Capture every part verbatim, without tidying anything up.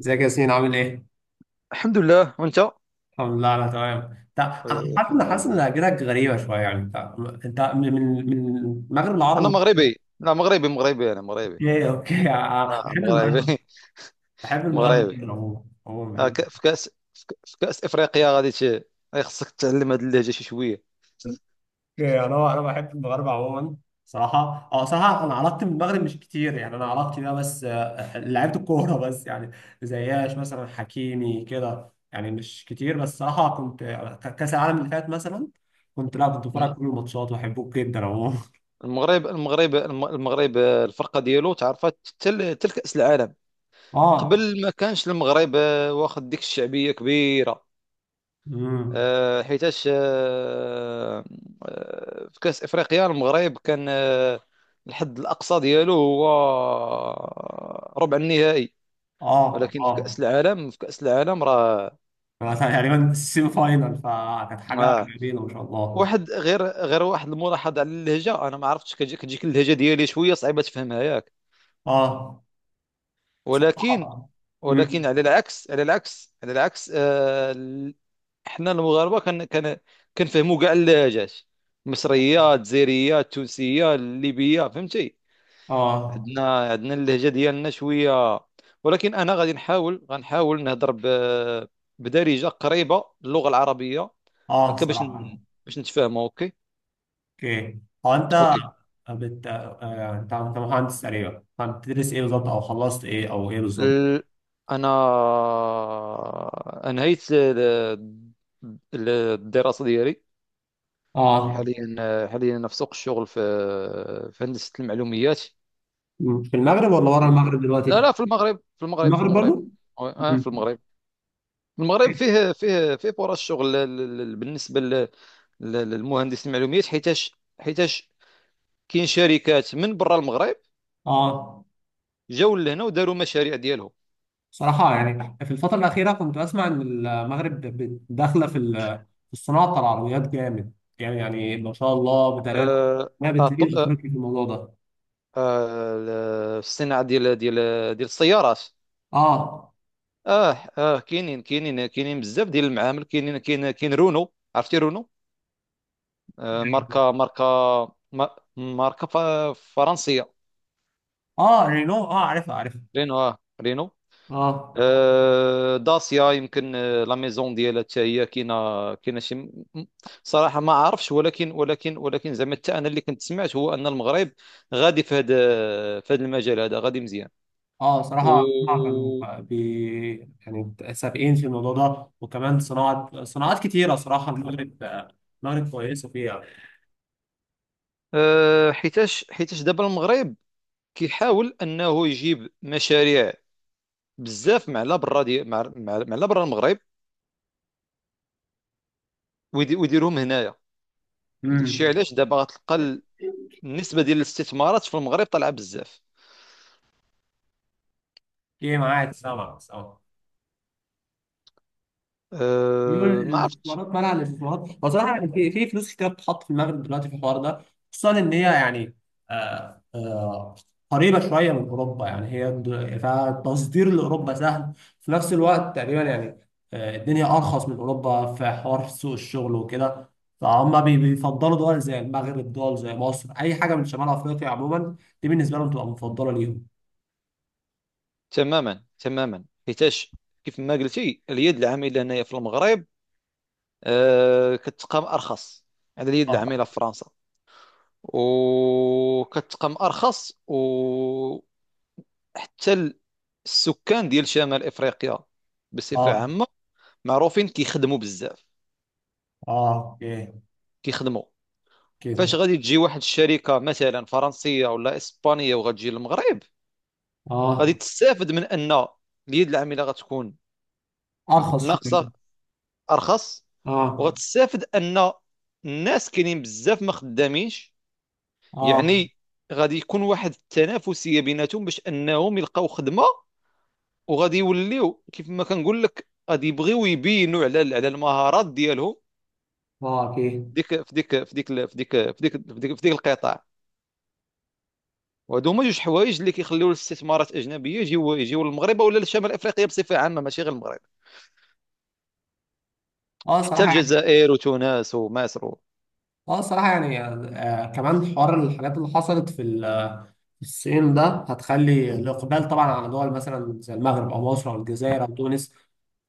ازيك يا ياسين عامل ايه؟ الحمد لله وانت. آه، الحمد لله انا تمام. طب انا آه، حاسس ان الحمد حاسس ان لله. اجرك غريبه شويه يعني. انت انت من من من المغرب انا العربي. مغربي، لا، مغربي مغربي، انا مغربي. اوكي اوكي اه، آه، بحب مغربي. المغرب. بحب المغرب مغربي. جدا عموما، عموما آه، بحب ك- في كاس في ك- في كاس افريقيا، غادي ت- خصك تتعلم هذه اللهجه شي شويه، اوكي، انا انا بحب المغرب عموما. صراحه، اه صراحه انا علاقتي بالمغرب مش كتير، يعني انا علاقتي بيها بس اه، لعيبه الكوره بس يعني. زياش مثلا، حكيمي كده، يعني مش كتير، بس صراحه كنت اه، كاس العالم اللي فات مثلا كنت، لا كنت بتفرج مهم. على كل الماتشات واحبه جدا عموما. المغرب، المغرب الم- المغرب، آه، الفرقه ديالو تعرفت حتى ل- حتى لكاس العالم. اه. قبل ما كانش المغرب آه، واخد ديك الشعبيه كبيره. امم. آه، حيتاش آه، آه، في كأس إفريقيا المغرب كان، آه، الحد الأقصى ديالو هو ربع النهائي، اه ولكن في اه. كأس العالم، في كأس العالم راه. هو تقريبا السيمي فاينال، فكانت حاجه آه. جميله ما شاء الله. واحد، غير غير واحد الملاحظة على اللهجة، أنا ما عرفتش كتجي- كتجيك اللهجة ديالي شوية صعيبة تفهمها، ياك؟ اه صراحه. ولكن، امم. ولكن على العكس، على العكس على العكس آه، احنا المغاربه، كن كن كنفهموا كاع اللهجات، مصريه، جزائريه، تونسيه، ليبيه، فهمتي. اه عندنا عندنا اللهجه ديالنا شويه، ولكن انا غادي نحاول، غنحاول نهضر ب... بدارجه قريبه للغه العربيه، اه هكا باش ن... صراحه. باش نتفاهموا. اوكي. اوكي. هو انت اوكي. بت... آه، انت انت مهندس تقريبا، فانت بتدرس ايه بالظبط، او خلصت ايه، او ايه بالظبط؟ ال... انا انهيت ال- ال- الدراسه ديالي. اه. حاليا، حاليا انا في سوق الشغل، في في هندسه المعلومات. مم. في المغرب ولا ورا و- المغرب لا، دلوقتي؟ لا، في المغرب في المغرب في المغرب المغرب. برضو. اه، مم. في المغرب. المغرب فيه فيه فيه فرص شغل، ل- ل- ل- بالنسبه ل- ل- للمهندس المعلومات، حيتاش، حيتاش كاين شركات من برا المغرب اه جاوا لهنا وداروا مشاريع ديالهم. صراحة، يعني في الفترة الأخيرة كنت أسمع إن المغرب ب- ب- داخلة في ال- في الصناعة بتاع العربيات جامد. يعني يعني ما شاء الله بتهيألي آه ما آه بتليش ط- آه أفريقيا في الموضوع ده. آه، ال- الصناعه ديال ديال ديال السيارات. آه اه. اه، كاينين، كاينين كاينين بزاف ديال المعامل، كاينين، كاين كاين رونو، عرفتي رونو؟ آه، ماركه، ماركه ما- ماركه ف- فرنسيه. آه رينو، آه عارفها عارفها. رينو، اه، رينو. آه. آه، داسيا يمكن، آه، لا ميزون ديالها حتى هي كاينه، كاينه شي، م- م- صراحه ما عارفش، ولكن، ولكن ولكن زعما حتى انا اللي كنت سمعت هو ان المغرب غادي في هذا، في هذا المجال هذا غادي مزيان. آه و صراحة هما كانوا بي يعني سابقين في الموضوع ده، وكمان صناعة، صناعات كتيرة صراحة المغرب، المغرب كويسة فيها. آه، حيتاش، حيتاش دابا المغرب كيحاول انه يجيب مشاريع بزاف مع لا برا دي مع مع مع لا برا المغرب، ويدي- ويديرهم هنايا. داكشي امم. علاش دابا غتلقى النسبه ديال الاستثمارات في المغرب طالعه بزاف. إيه، معاك سامع سامع. ميول أه ما عرفتش. الاستثمارات، منع الاستثمارات، هو صراحه يعني في في فلوس كتير بتتحط في المغرب دلوقتي في الحوار ده. خصوصا ان هي يعني، آه آه، قريبه شويه من اوروبا، يعني هي د- فالتصدير لاوروبا سهل. في نفس الوقت تقريبا يعني آه الدنيا ارخص من اوروبا في حوار سوق الشغل وكده. فهم بي- بيفضلوا دول زي المغرب، دول زي مصر، اي حاجه من شمال افريقيا عموما. دي بالنسبه لهم تبقى مفضله ليهم. تماما، تماما حيتاش كيف ما قلتي، اليد العامله هنايا في المغرب آه كتقام ارخص على اليد العامله اه. في فرنسا، وكتقام ارخص. وحتى السكان ديال شمال افريقيا بصفه اه. عامه معروفين كيخدموا بزاف. اه. اوكي. كيخدموا. فاش كده. غادي تجي واحد الشركه مثلا فرنسيه ولا اسبانيه وغتجي للمغرب، غادي اه. تستافد من ان اليد العامله غتكون ارخص ناقصه، شويه. ارخص. اه. وغتستافد ان الناس كاينين بزاف ما خدامينش، اه. يعني غادي يكون واحد التنافسيه بيناتهم باش انهم يلقاو خدمه. وغادي يوليو كيف ما كنقول لك غادي يبغيو يبينوا على على المهارات ديالهم، اه اكيد. ديك في ديك في ديك في ديك في ديك في ديك, في ديك القطاع. وهادو هما جوج حوايج اللي كيخليو الاستثمارات الاجنبيه يجيو، يجيو للمغرب ولا لشمال افريقيا بصفه عامه، ماشي غير المغرب، اه حتى صراحه يعني. الجزائر وتونس ومصر و- اه صراحه يعني آه كمان حوار الحاجات اللي حصلت في ال الصين ده هتخلي الإقبال طبعا على دول مثلا زي المغرب أو مصر أو الجزائر أو تونس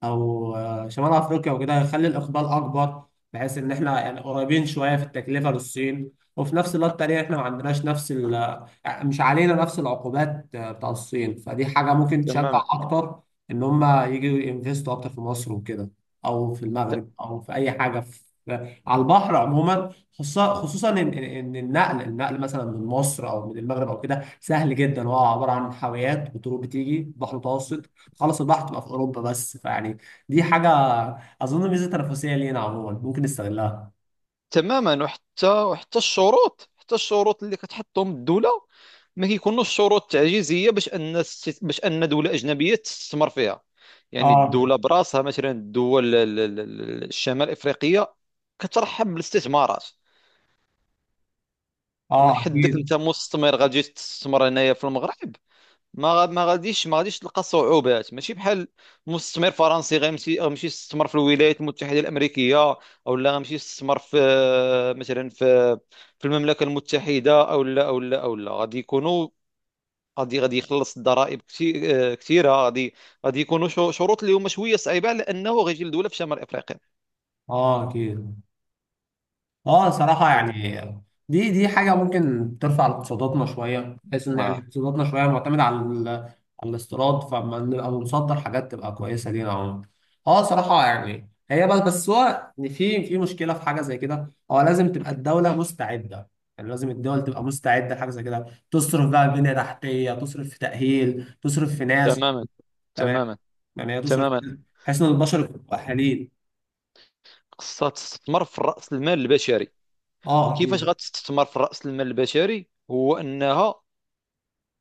أو آه، شمال أفريقيا وكده، هيخلي الإقبال أكبر. بحيث إن إحنا يعني قريبين شوية في التكلفة للصين، وفي نفس الوقت التانية إحنا ما عندناش نفس ال آه، مش علينا نفس العقوبات آه، بتاع الصين، فدي حاجة ممكن تشجع تماما، أكتر إن هما يجوا ينفستوا أكتر في مصر وكده، أو في المغرب، أو في أي حاجة في آه، على البحر عموما. خصوصا خصوصا إن إن- إن النقل، النقل مثلا من مصر أو من المغرب أو كده سهل جدا، هو عباره عن حاويات وطرق بتيجي بحر متوسط، خلص البحر تبقى في اوروبا بس، فيعني دي حاجه اظن ميزه تنافسيه لينا عموما ممكن نستغلها. تماما وحتى، وحتى الشروط، حتى الشروط اللي كتحطهم الدولة ما كيكونوش شروط تعجيزية، باش ان الست- باش ان دولة أجنبية تستثمر فيها. يعني اه. الدولة براسها، مثلا الدول، ال- ال- ال- الشمال الإفريقية كترحب بالاستثمارات. من اه حدك اكيد. انت مستثمر غادي تستثمر هنايا في المغرب، ما غا- ما غاديش ما غاديش تلقى صعوبات، ماشي بحال مستثمر فرنسي غيمشي، غيمشي يستثمر في الولايات المتحده الامريكيه، او لا غيمشي يستثمر في، مثلا في، في المملكه المتحده، او لا او لا او لا غادي يكونوا، غادي غادي يخلص الضرائب، كثي- كثيره، غادي غادي يكونوا، شو- شروط اللي هما شويه صعيبه على انه غيجي لدوله في شمال افريقيا. اه اكيد. اه صراحة يعني دي دي حاجة ممكن ترفع اقتصاداتنا شوية، بحيث ان يعني آه. اقتصاداتنا شوية معتمدة على ال- على الاستيراد، فما نبقى بنصدر حاجات تبقى كويسة لينا عموما. اه صراحة يعني، هي بس بس هو إن في في مشكلة في حاجة زي كده، هو لازم تبقى الدولة مستعدة، يعني لازم الدول تبقى مستعدة لحاجة زي كده، تصرف بقى بنية تحتية، تصرف في تأهيل، تصرف في ناس. تماما تمام. تماما يعني هي تصرف تماما. بحيث ان البشر يبقوا مؤهلين. خصها تستثمر في رأس المال البشري. اه وكيفاش اكيد. غتستثمر في رأس المال البشري؟ هو أنها،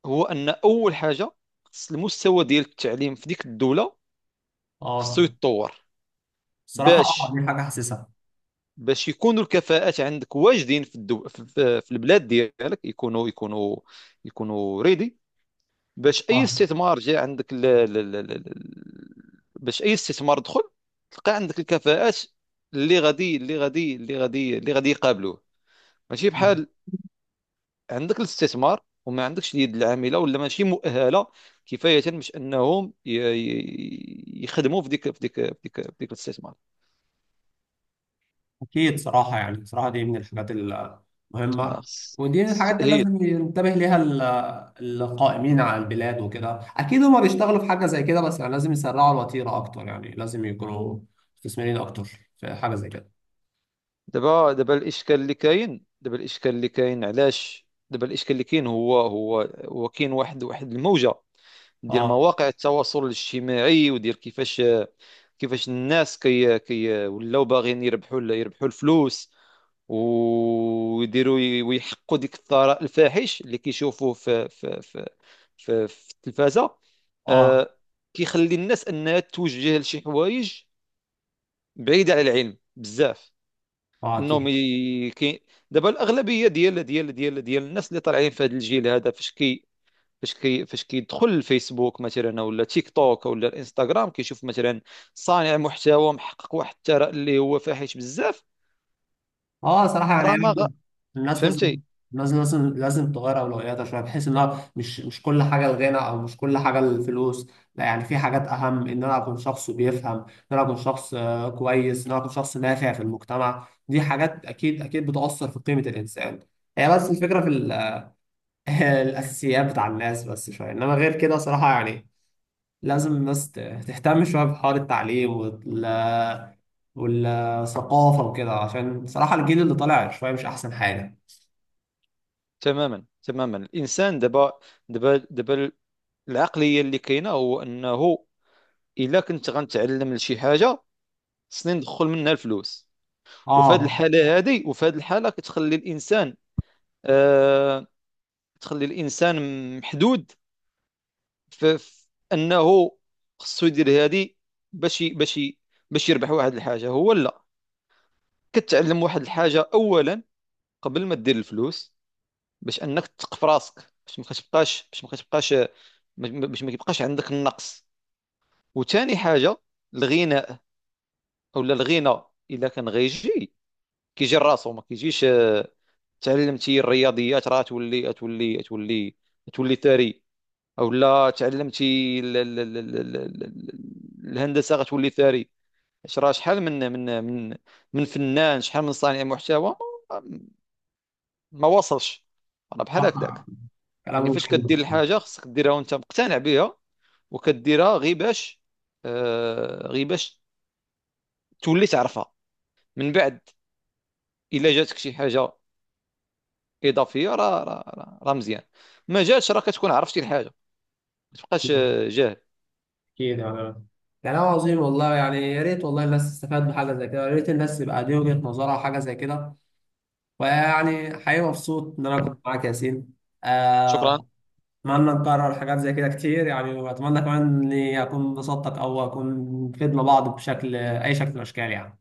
هو ان اول حاجه، خص المستوى ديال التعليم في ديك الدوله خصو اه يتطور، الصراحة آه، باش، دي حاجة حاسسها. باش يكونوا الكفاءات عندك واجدين، في الدو... في, في في البلاد ديالك، يكونوا، يكونوا يكونوا ريدي، باش اي اه. استثمار جاء عندك، ل... ل... ل... ل... ل- باش اي استثمار دخل تلقى عندك الكفاءات اللي غادي، اللي غادي اللي غادي اللي غادي يقابلوه. ماشي بحال عندك الاستثمار وما عندكش اليد العامله، ولا ماشي مؤهله كفايه باش انهم ي- ي- يخدموا في ديك، في ديك في ديك, في ديك الاستثمار. أكيد صراحة يعني، صراحة دي من الحاجات المهمة، آه. س- ودي من س- الحاجات اللي هي، لازم ينتبه ليها ال- القائمين على البلاد وكده. أكيد هما بيشتغلوا في حاجة زي كده، بس يعني لازم يسرعوا الوتيرة أكتر، يعني لازم يكونوا مستثمرين أكتر في حاجة زي كده. دابا، دابا الاشكال اللي كاين، دابا الاشكال اللي كاين علاش دابا الاشكال اللي كاين هو، هو هو كاين، واحد واحد الموجه ديال اه. مواقع التواصل الاجتماعي، وديال كيفاش، كيفاش الناس، كي كي ولاو باغيين يربحوا، يربحوا الفلوس، ويديروا ويحقوا ديك الثراء الفاحش اللي كيشوفوه في في في في, في التلفازة. اه. آه، كيخلي الناس انها توجه لشي حوايج بعيدة على العلم بزاف، اه انهم، أكيد. ي... كي... دابا الاغلبية ديال، ديال ديال ديال الناس اللي طالعين في هذا الجيل هذا، فاش كي، فاش كي فاش كيدخل الفيسبوك مثلا ولا تيك توك ولا الانستغرام، كيشوف مثلا صانع محتوى محقق واحد الثراء اللي هو فاحش بزاف. اه صراحه يعني، راه يعني ما غ... برضه الناس لازم، فهمتي. لازم لازم لازم تغير اولوياتها شويه، بحيث ان هو مش مش كل حاجه الغنى، او مش كل حاجه الفلوس، لا. يعني في حاجات اهم، ان انا اكون شخص بيفهم، ان انا اكون شخص آه، كويس، ان انا اكون شخص نافع في المجتمع. دي حاجات اكيد اكيد بتاثر في قيمه الانسان. هي بس الفكره في ال- الاساسيات بتاع الناس بس شويه، انما غير كده صراحه يعني لازم الناس ت- تهتم شويه بحوار التعليم وال والثقافة وكده، عشان صراحة الجيل اللي طالع شوية مش أحسن حاجة. تماما، تماما الانسان دابا، دابا دابا العقليه اللي كاينه هو انه الا كنت غنتعلم لشي حاجه، خصني ندخل منها الفلوس. وفي هذه اه. الحاله هذه، وفي هذه الحاله كتخلي الانسان، آه تخلي الانسان محدود في، في انه خصو يدير هذه، باش ي- باش ي- باش يربح واحد الحاجه. هو لا، كتعلم واحد الحاجه اولا قبل ما دير الفلوس، باش انك تثق في راسك، باش ما كتبقاش، باش ما كتبقاش ما- باش ما كيبقاش عندك النقص. وثاني حاجه الغناء، اولا الغنى الا كان غيجي كيجي راسو، ما كيجيش. آه، تعلمتي الرياضيات راه تولي، تولي تولي تولي ثري. اولا تعلمتي ال- ال- ال- ال- ال- ال- ال- الهندسه غتولي ثري. اش راه شحال من، من من من فنان، شحال من صانع محتوى ما، ما وصلش. راه بحال صح، هكذاك. يعني كلام فاش كدير جميل. الحاجه خصك ديرها وانت مقتنع بها، وكديرها غير باش، آه غير باش تولي تعرفها من بعد. الا جاتك شي حاجه اضافيه راه، راه راه راه مزيان. ما جاتش، راه كتكون عرفتي الحاجه، ما تبقاش آه، جاهل. أكيد يعني، كلام عظيم والله، يعني يا ريت والله الناس تستفاد بحاجة زي كده، يا ريت الناس يبقى دي وجهة نظرها حاجة زي كده. ويعني حقيقي مبسوط إن أنا كنت معاك يا ياسين. شكرا. آه، أتمنى نكرر حاجات زي كده كتير يعني، وأتمنى كمان إني أكون بسطتك، أو أكون فدنا بعض بشكل أي شكل من الأشكال يعني.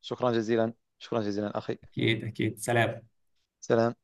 شكرا جزيلا، شكرا جزيلا اخي. أكيد أكيد سلام. سلام.